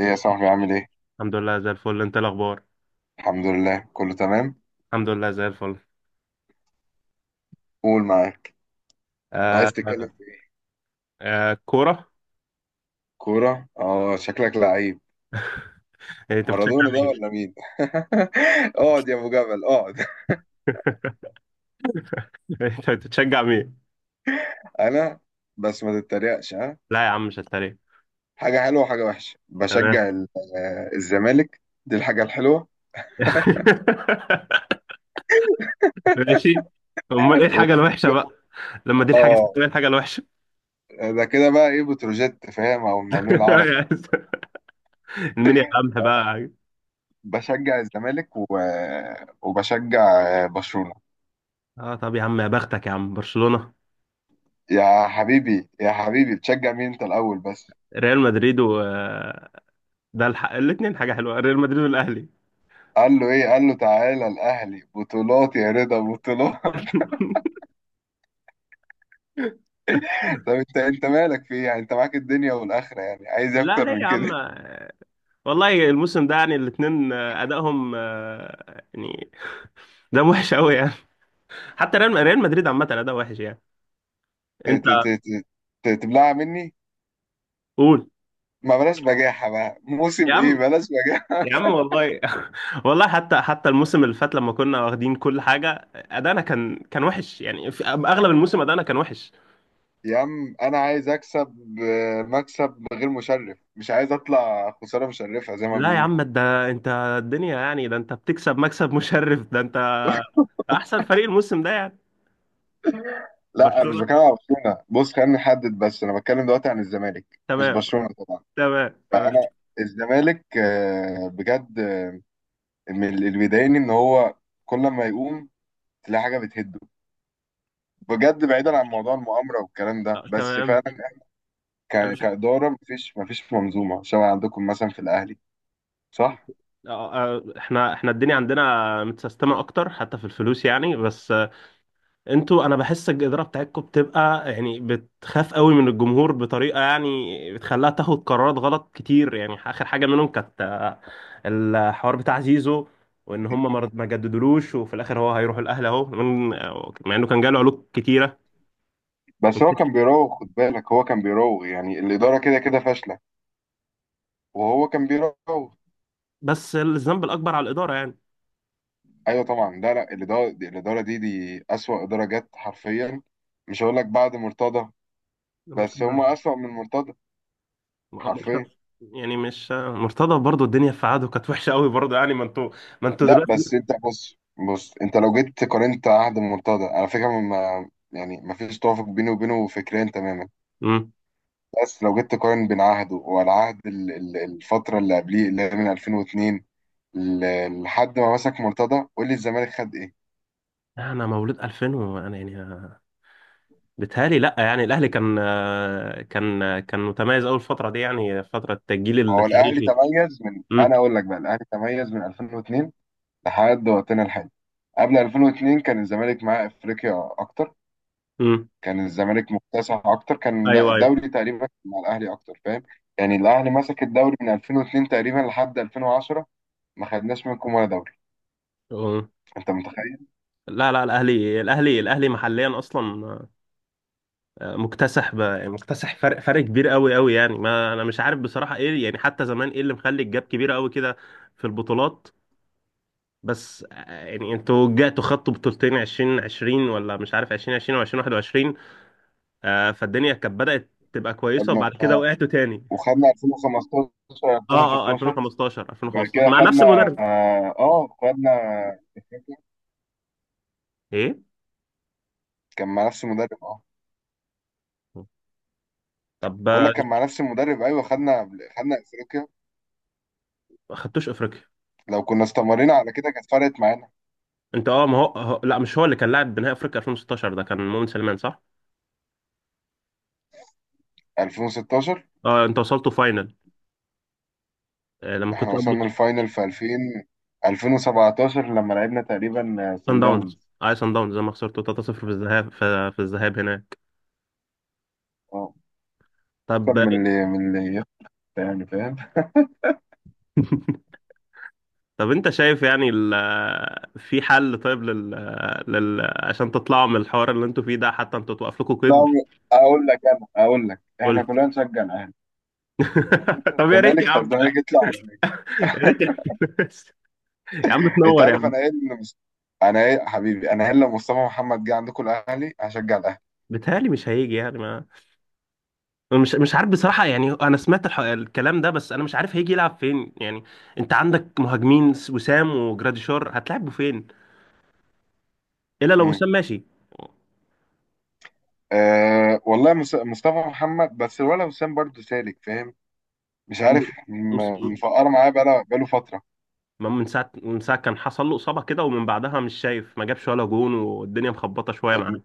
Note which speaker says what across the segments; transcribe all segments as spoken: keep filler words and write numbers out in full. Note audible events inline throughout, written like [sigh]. Speaker 1: ايه يا صاحبي عامل ايه؟
Speaker 2: الحمد لله زي الفل، انت إيه الاخبار؟
Speaker 1: الحمد لله كله تمام.
Speaker 2: الحمد لله زي الفل.
Speaker 1: قول معاك.
Speaker 2: آه،
Speaker 1: عايز تتكلم
Speaker 2: تمام.
Speaker 1: في ايه؟
Speaker 2: آه، كوره.
Speaker 1: كورة؟ اه، شكلك لعيب.
Speaker 2: إيه، انت بتشجع
Speaker 1: مارادونا ده
Speaker 2: مين؟
Speaker 1: ولا مين؟ [laughs] اقعد يا ابو جبل اقعد.
Speaker 2: [laughs] انت بتشجع مين؟
Speaker 1: [laughs] انا. بس ما تتريقش ها.
Speaker 2: لا يا عم، مش هتريق.
Speaker 1: حاجة حلوة وحاجة وحشة
Speaker 2: تمام.
Speaker 1: بشجع ال- آه، الزمالك. دي الحاجة الحلوة
Speaker 2: [laughs] ماشي. امال ايه
Speaker 1: و...
Speaker 2: الحاجه الوحشه بقى؟ لما دي الحاجه،
Speaker 1: اه،
Speaker 2: ايه الحاجه الوحشه؟
Speaker 1: ده كده بقى ايه، بتروجيت فاهم او المقاولين العرب؟
Speaker 2: [laughs] مين يا عم بقى؟
Speaker 1: بشجع الزمالك و... وبشجع آه، برشلونة.
Speaker 2: اه، طب يا عم، يا بختك يا عم برشلونه.
Speaker 1: يا حبيبي يا حبيبي، بتشجع مين انت الاول بس؟
Speaker 2: ريال مدريد و آه، ده الح... الاثنين حاجه حلوه، ريال مدريد والاهلي.
Speaker 1: قال له ايه، قال له تعالى الاهلي بطولات يا رضا، بطولات. [laughs]
Speaker 2: [laughs]
Speaker 1: طب انت انت مالك في ايه يعني، انت معاك الدنيا والاخره يعني، عايز إيه
Speaker 2: لا
Speaker 1: اكتر
Speaker 2: ليه
Speaker 1: من
Speaker 2: يا
Speaker 1: كده.
Speaker 2: عم؟
Speaker 1: [laughs]
Speaker 2: والله الموسم ده، يعني الاثنين ادائهم، آه، يعني ده وحش قوي يعني. حتى ريال ريال مدريد عامه اداء وحش يعني.
Speaker 1: ت-
Speaker 2: انت.
Speaker 1: ت- ت- ت- ت- تبلعها مني.
Speaker 2: قول.
Speaker 1: ما بلاش بجاحه بقى، موسم
Speaker 2: يا
Speaker 1: ايه،
Speaker 2: عم
Speaker 1: بلاش بجاحه.
Speaker 2: يا عم والله. [laughs] والله، حتى حتى الموسم اللي فات لما كنا واخدين كل حاجه، ادائنا كان كان وحش يعني. في اغلب الموسم ادائنا كان وحش.
Speaker 1: [laughs] يا عم، انا عايز اكسب آه، مكسب غير مشرف، مش عايز اطلع خساره مشرفه زي ما
Speaker 2: لا يا
Speaker 1: بيقولوا.
Speaker 2: عم، ده انت. الدنيا يعني، ده انت بتكسب مكسب مشرف، ده انت. احسن فريق الموسم ده يعني.
Speaker 1: لا، انا مش
Speaker 2: برشلونه.
Speaker 1: بتكلم على برشلونه، بص خلينا نحدد بس، انا بتكلم دلوقتي عن الزمالك مش
Speaker 2: تمام.
Speaker 1: برشلونه طبعا.
Speaker 2: تمام، تمام.
Speaker 1: فانا الزمالك آه، بجد، من ال- اللي بيضايقني ان هو كل ما يقوم تلاقي حاجه بتهده. بجد بعيدا عن موضوع المؤامره والكلام ده،
Speaker 2: آه،
Speaker 1: بس
Speaker 2: تمام.
Speaker 1: فعلا
Speaker 2: انا
Speaker 1: ك-
Speaker 2: مش
Speaker 1: كاداره، مفيش مفيش منظومه شبه عندكم مثلا في الاهلي.
Speaker 2: انت-
Speaker 1: صح.
Speaker 2: آه، آه، احنا احنا الدنيا عندنا متسيستمه اكتر، حتى في الفلوس يعني بس. آه، انتوا، انا بحس الاداره بتاعتكم بتبقى يعني بتخاف قوي من الجمهور بطريقه، يعني بتخليها تاخد قرارات غلط كتير، يعني اخر حاجه منهم كانت آه، الحوار بتاع زيزو. وان هم ما رد- ما جددولوش، وفي الاخر هو هيروح الاهلي اهو، من- آه، مع انه كان جاله علوق كتيره.
Speaker 1: بس هو كان بيراوغ، خد بالك، هو كان بيراوغ يعني، الاداره كده كده فاشله وهو كان بيراوغ.
Speaker 2: بس الذنب الاكبر على الاداره يعني.
Speaker 1: ايوه طبعا، لا لا، الاداره دي الاداره دي دي اسوأ اداره جت حرفيا. مش هقول لك بعد مرتضى، بس هم
Speaker 2: المرتضى.
Speaker 1: اسوأ من مرتضى. حرفيا.
Speaker 2: مرت- يعني مش مرتضى برضو، الدنيا في عاده كانت وحشه قوي برضو يعني، ما انتوا. ما انتوا
Speaker 1: لا
Speaker 2: دلوقتي.
Speaker 1: بس انت بص. بص، انت لو جيت قارنت عهد المنتدى، على فكره، ما يعني ما فيش توافق بيني وبينه فكريا تماما.
Speaker 2: امم.
Speaker 1: بس لو جيت تقارن بين عهده والعهد ال- ال- الفتره اللي قبليه، اللي هي من ألفين واثنين ل- لحد ما مسك مرتضى، قول لي الزمالك خد ايه.
Speaker 2: انا مولود ألفين وانا يعني. بيتهيألي لا، يعني الاهلي كان، كان كان متميز اول الفتره دي يعني فتره التجيل
Speaker 1: هو الاهلي
Speaker 2: التاريخي.
Speaker 1: تميز من،
Speaker 2: امم،
Speaker 1: انا اقول لك بقى الاهلي تميز من ألفين واثنين لحد وقتنا الحالي. قبل ألفين واثنين كان الزمالك معاه افريقيا اكتر،
Speaker 2: امم.
Speaker 1: كان الزمالك مكتسح اكتر، كان، لا،
Speaker 2: ايوه، ايوه.
Speaker 1: الدوري تقريبا مع الاهلي اكتر، فاهم. يعني الاهلي مسك الدوري من ألفين واثنين تقريبا لحد ألفين وعشرة، ما خدناش منكم ولا دوري.
Speaker 2: أمم.
Speaker 1: انت متخيل!
Speaker 2: لا، لا، الاهلي الاهلي الاهلي محليا اصلا. آه، مكتسح ب... مكتسح فرق فرق كبير، قوي قوي يعني. ما انا مش عارف بصراحه ايه يعني، حتى زمان ايه اللي مخلي الجاب كبيره قوي كده في البطولات. بس، آه، يعني انتوا جاتوا خدتوا بطولتين ألفين وعشرين، ولا مش عارف ألفين وعشرين او ألفين وواحد وعشرين، آه، فالدنيا كانت بدأت تبقى كويسة
Speaker 1: خدنا،
Speaker 2: وبعد كده وقعتوا تاني.
Speaker 1: وخدنا ألفين وخمستاشر
Speaker 2: اه، اه،
Speaker 1: ألفين وستاشر،
Speaker 2: ألفين وخمستاشر
Speaker 1: وبعد
Speaker 2: ألفين وخمستاشر
Speaker 1: كده
Speaker 2: مع نفس
Speaker 1: خدنا،
Speaker 2: المدرب.
Speaker 1: اه، آه، خدنا.
Speaker 2: ايه؟
Speaker 1: كان مع نفس المدرب، اه.
Speaker 2: طب.
Speaker 1: بقول
Speaker 2: آه،
Speaker 1: لك كان مع نفس المدرب، ايوه، خدنا خدنا افريقيا،
Speaker 2: ما خدتوش افريقيا.
Speaker 1: لو كنا استمرينا على كده كانت فرقت معانا.
Speaker 2: انت اه، ما هو هو- لا مش هو اللي كان لاعب بنهائي افريقيا ألفين وستاشر، ده كان مؤمن سليمان صح؟
Speaker 1: ألفين وستاشر
Speaker 2: اه، انت وصلتوا فاينل. آه، لما كنت
Speaker 1: احنا
Speaker 2: قبل.
Speaker 1: وصلنا الفاينل، في ألفين ألفين وسبعة عشر لما لعبنا تقريبا
Speaker 2: سان
Speaker 1: سان
Speaker 2: داونز،
Speaker 1: داونز.
Speaker 2: اه سان داونز لما خسرتوا تلاتة صفر في الذهاب، في في الذهاب هناك.
Speaker 1: اه،
Speaker 2: طب.
Speaker 1: احسن من اللي من اللي يخسر، يعني فاهم.
Speaker 2: [laughs] طب انت شايف يعني، ال في حل طيب لل, لل عشان تطلعوا من الحوار اللي انتوا فيه ده، حتى انتوا توقف لكم
Speaker 1: لا،
Speaker 2: قيد.
Speaker 1: اقول لك، انا اقول لك احنا
Speaker 2: قلت.
Speaker 1: كلنا نشجع الاهلي،
Speaker 2: [laughs]
Speaker 1: هنكسب
Speaker 2: طب يا ريت
Speaker 1: الزمالك
Speaker 2: يا عم.
Speaker 1: فالزمالك يطلع على الأهلي.
Speaker 2: يا ريت يا عم. [laughs] يا عم
Speaker 1: انت
Speaker 2: تنور يا
Speaker 1: عارف
Speaker 2: عم.
Speaker 1: انا ايه اللي مس... انا ايه حبيبي، انا ايه، لو مصطفى محمد جه عندكم الاهلي هشجع الاهلي.
Speaker 2: بيتهيألي مش هيجي يعني ما. أنا مش مش عارف بصراحة، يعني انا سمعت الح... الكلام ده، بس انا مش عارف هيجي يلعب فين يعني. انت عندك مهاجمين، وسام وجراديشار، هتلعبوا فين؟ الا لو
Speaker 1: امم.
Speaker 2: وسام ماشي.
Speaker 1: أه والله مس- مصطفى محمد، بس الولد وسام برضه سالك فاهم، مش عارف م- مفقر معاه بقاله بقاله فتره.
Speaker 2: ما من ساعة من ساعة كان حصل له إصابة كده، ومن بعدها مش شايف، ما جابش ولا جون، والدنيا مخبطة شوية معاه.
Speaker 1: ال-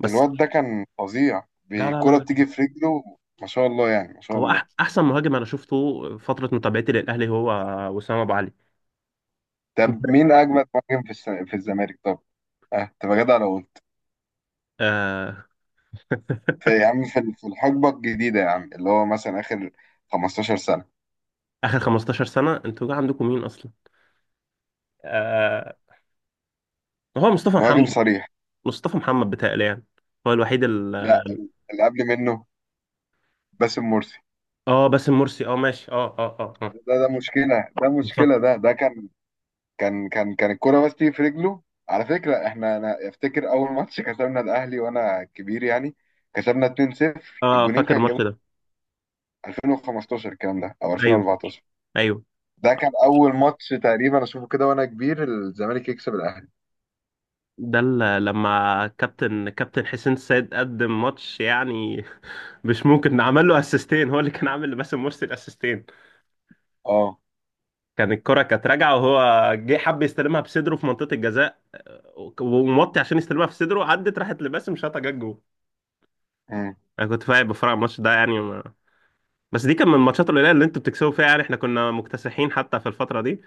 Speaker 2: بس.
Speaker 1: الواد ده كان فظيع،
Speaker 2: لا، لا، لا،
Speaker 1: بكرة
Speaker 2: لا.
Speaker 1: بتيجي في رجله ما شاء الله يعني، ما شاء
Speaker 2: هو
Speaker 1: الله.
Speaker 2: أح أحسن مهاجم أنا شفته فترة متابعتي للأهلي، هو وسام أبو علي.
Speaker 1: طب مين اجمد مهاجم في الس- في الزمالك طب؟ اه، تبقى جدع لو قلت.
Speaker 2: آه
Speaker 1: في يا عم، في في الحقبة الجديدة يا عم، اللي هو مثلا آخر خمستاشر سنة،
Speaker 2: آخر 15 سنة أنتوا جا عندكم مين أصلا؟ آه. هو مصطفى
Speaker 1: مهاجم
Speaker 2: محمد.
Speaker 1: صريح.
Speaker 2: مصطفى محمد بتهيألي يعني، هو الوحيد
Speaker 1: لا،
Speaker 2: ال
Speaker 1: اللي قبل منه باسم مرسي.
Speaker 2: آه، باسم مرسي، أه، ماشي، أه، أه، أه، آه.
Speaker 1: ده ده مشكلة، ده مشكلة،
Speaker 2: اتفضل.
Speaker 1: ده ده كان كان كان كان الكرة بس تيجي في رجله. على فكرة، احنا انا افتكر اول ماتش كسبنا الاهلي وانا كبير يعني، كسبنا اتنين صفر،
Speaker 2: آه،
Speaker 1: الجونين
Speaker 2: فاكر
Speaker 1: كان جابوا
Speaker 2: الماتش ده.
Speaker 1: ألفين وخمستاشر الكلام ده او
Speaker 2: أيوه.
Speaker 1: ألفين واربعتاشر.
Speaker 2: أيوه.
Speaker 1: ده كان اول ماتش تقريبا اشوفه كده وانا كبير الزمالك يكسب الاهلي.
Speaker 2: ده ال- لما كابتن كابتن حسين السيد قدم ماتش يعني. [laughs] مش ممكن، عمل له اسيستين، هو اللي كان عامل لباسم مرسي الاسيستين.
Speaker 1: اه.
Speaker 2: كان الكرة كانت راجعة، وهو جه حب يستلمها بصدره في منطقة الجزاء، آه، وموطي عشان يستلمها في صدره، عدت راحت لباسم، شاطها، جت جول.
Speaker 1: امم.
Speaker 2: انا كنت فاهم بفرع الماتش ده يعني ما... بس دي كان من الماتشات القليلة اللي انتوا بتكسبوا فيها، يعني احنا كنا مكتسحين حتى في الفترة دي.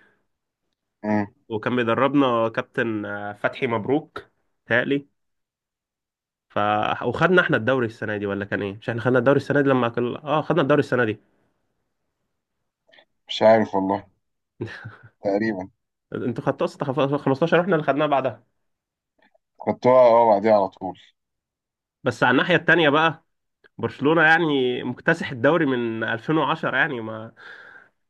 Speaker 1: امم.
Speaker 2: وكان بيدربنا كابتن آه، فتحي مبروك. تهيألي. ف وخدنا احنا الدوري السنه دي، ولا كان ايه؟ مش احنا خدنا الدوري السنه دي لما كل... اه خدنا الدوري السنه دي.
Speaker 1: مش عارف والله.
Speaker 2: [laughs]
Speaker 1: تقريبا.
Speaker 2: انتوا خدتوا اصلا خف- خمستاشر، واحنا اللي خدناها بعدها.
Speaker 1: خدتوها اه بعديها على طول.
Speaker 2: بس على الناحيه التانيه بقى. برشلونه يعني مكتسح الدوري من ألفين وعشرة يعني ما.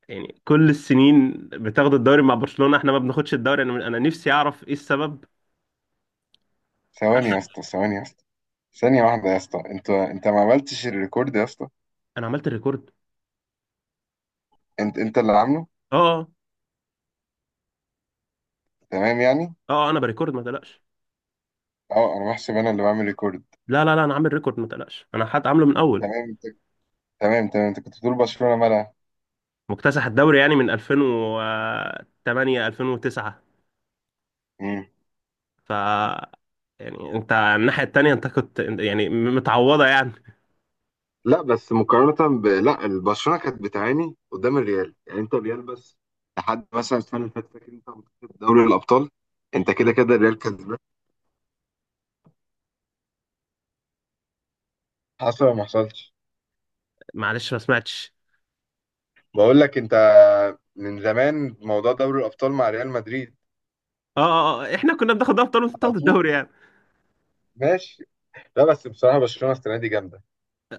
Speaker 2: يعني كل السنين بتاخد الدوري مع برشلونه، احنا ما بناخدش الدوري، انا انا نفسي اعرف ايه السبب.
Speaker 1: ثواني
Speaker 2: حتى.
Speaker 1: يا اسطى، ثواني يا اسطى، ثانية واحدة يا اسطى. انت انت ما عملتش الريكورد يا اسطى.
Speaker 2: انا عملت الريكورد.
Speaker 1: انت انت اللي عامله.
Speaker 2: اه،
Speaker 1: تمام يعني.
Speaker 2: اه، اه، انا بريكورد ما تقلقش.
Speaker 1: اه، انا بحسب انا اللي بعمل ريكورد.
Speaker 2: لا، لا، لا، انا عامل ريكورد، ما تقلقش، انا حد عامله من اول.
Speaker 1: تمام انت. تمام تمام، انت كنت بتقول برشلونة مالها.
Speaker 2: مكتسح الدوري يعني من ألفين وتمانية ألفين وتسعة.
Speaker 1: امم.
Speaker 2: ف يعني انت على الناحية التانية، انت كنت يعني متعوضة يعني.
Speaker 1: لا بس مقارنة ب... لا البرشلونة كانت بتعاني قدام الريال يعني، انت الريال بس لحد مثلا السنة اللي فاتت، فاكر انت، متصل دوري الأبطال، انت كده كده الريال كسبان، حصل ولا ما حصلش.
Speaker 2: معلش ما سمعتش.
Speaker 1: بقول لك انت، من زمان موضوع دوري الابطال مع ريال مدريد.
Speaker 2: اه، اه، اه، احنا كنا بناخد ابطال، وانت بتاخد الدوري يعني.
Speaker 1: ماشي. لا بس بصراحة برشلونة السنة دي جامدة،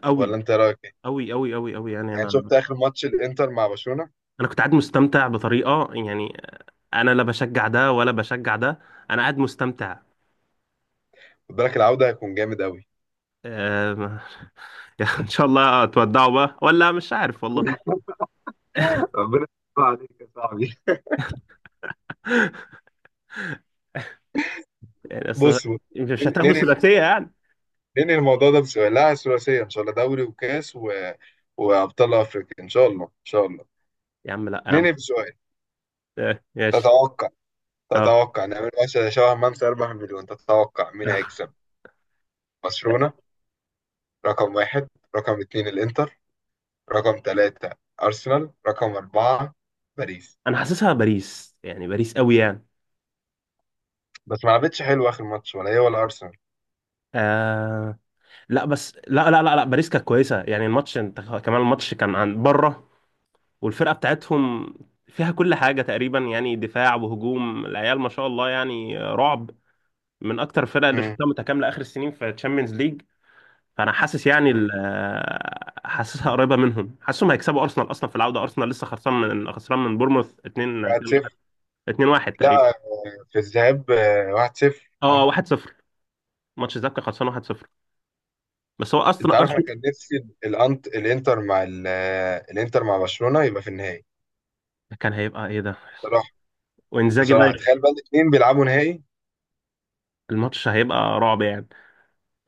Speaker 2: قوي،
Speaker 1: ولا أنت رأيك إيه؟
Speaker 2: قوي، قوي، قوي، قوي يعني،
Speaker 1: يعني
Speaker 2: انا
Speaker 1: شفت آخر ماتش الإنتر مع برشلونة.
Speaker 2: انا كنت قاعد مستمتع بطريقة يعني. انا لا بشجع ده ولا بشجع ده. انا قاعد مستمتع.
Speaker 1: خد بالك العودة هيكون جامد أوي.
Speaker 2: آه، [laughs] ان شاء الله تودعوا بقى، ولا مش عارف والله.
Speaker 1: ربنا يستر عليك يا صاحبي.
Speaker 2: [laughs] يعني اصل.
Speaker 1: بص، بص،
Speaker 2: مش هتاخدوا
Speaker 1: ننهي
Speaker 2: ثلاثية يعني؟
Speaker 1: ننهي الموضوع ده بسؤال. لا، ثلاثية إن شاء الله، دوري وكاس و... وأبطال أفريقيا إن شاء الله إن شاء الله.
Speaker 2: يا عم لا يا عم.
Speaker 1: ننهي بسؤال.
Speaker 2: آه، ماشي.
Speaker 1: تتوقع
Speaker 2: اه.
Speaker 1: تتوقع نعمل مثلا شبه ممسى اربعة مليون، تتوقع مين
Speaker 2: [laughs]
Speaker 1: هيكسب؟ برشلونة رقم واحد، رقم اتنين الإنتر، رقم تلاتة أرسنال، رقم أربعة باريس.
Speaker 2: انا حاسسها باريس، يعني باريس قوي يعني.
Speaker 1: بس ما لعبتش حلو اخر ماتش ولا هي ولا ارسنال.
Speaker 2: آه. لا بس، لا، لا، لا، لا، باريس كانت كويسه، يعني الماتش انت كمان الماتش كان عن بره. والفرقه بتاعتهم فيها كل حاجه تقريبا، يعني دفاع وهجوم، العيال ما شاء الله يعني، رعب. من اكتر الفرق اللي
Speaker 1: امم.
Speaker 2: شفتها متكامله اخر السنين في تشامبيونز ليج. فانا حاسس يعني
Speaker 1: امم.
Speaker 2: ال- آه، حاسسها قريبه منهم، حاسسهم هيكسبوا ارسنال اصلا في العوده، ارسنال لسه خسران من خسران من بورموث اتنين اتنين واحد
Speaker 1: واحد صفر.
Speaker 2: اتنين واحد تقريبا،
Speaker 1: لا، في الذهاب آه، واحد صفر
Speaker 2: اه
Speaker 1: اه.
Speaker 2: واحد صفر. ماتش الذهاب كان خسران واحد صفر. بس هو
Speaker 1: انت
Speaker 2: اصلا
Speaker 1: عارف انا
Speaker 2: ارسنال.
Speaker 1: كان نفسي ال- الانت الانتر مع ال- آه، الانتر مع برشلونة يبقى في النهائي.
Speaker 2: كان هيبقى ايه ده!
Speaker 1: بصراحة.
Speaker 2: وانزاجي بقى.
Speaker 1: بصراحة تخيل بقى الاثنين بيلعبوا نهائي.
Speaker 2: الماتش هيبقى رعب يعني.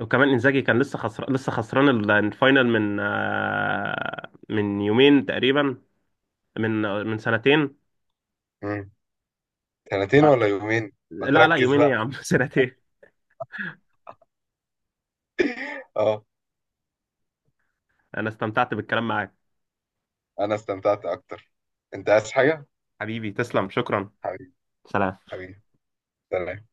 Speaker 2: وكمان انزاجي كان لسه خسر لسه خسران ال- الفاينل من آه، من يومين تقريبا. من من سنتين.
Speaker 1: امم. سنتين
Speaker 2: آه،
Speaker 1: ولا يومين. ما
Speaker 2: لا، لا،
Speaker 1: تركز
Speaker 2: يومين ايه يا
Speaker 1: بقى.
Speaker 2: عم، [laughs] سنتين.
Speaker 1: اه.
Speaker 2: انا استمتعت بالكلام معاك.
Speaker 1: انا استمتعت اكتر. انت عايز حاجة؟
Speaker 2: حبيبي تسلم، شكرا.
Speaker 1: حبيبي.
Speaker 2: سلام.
Speaker 1: حبيبي. سلام.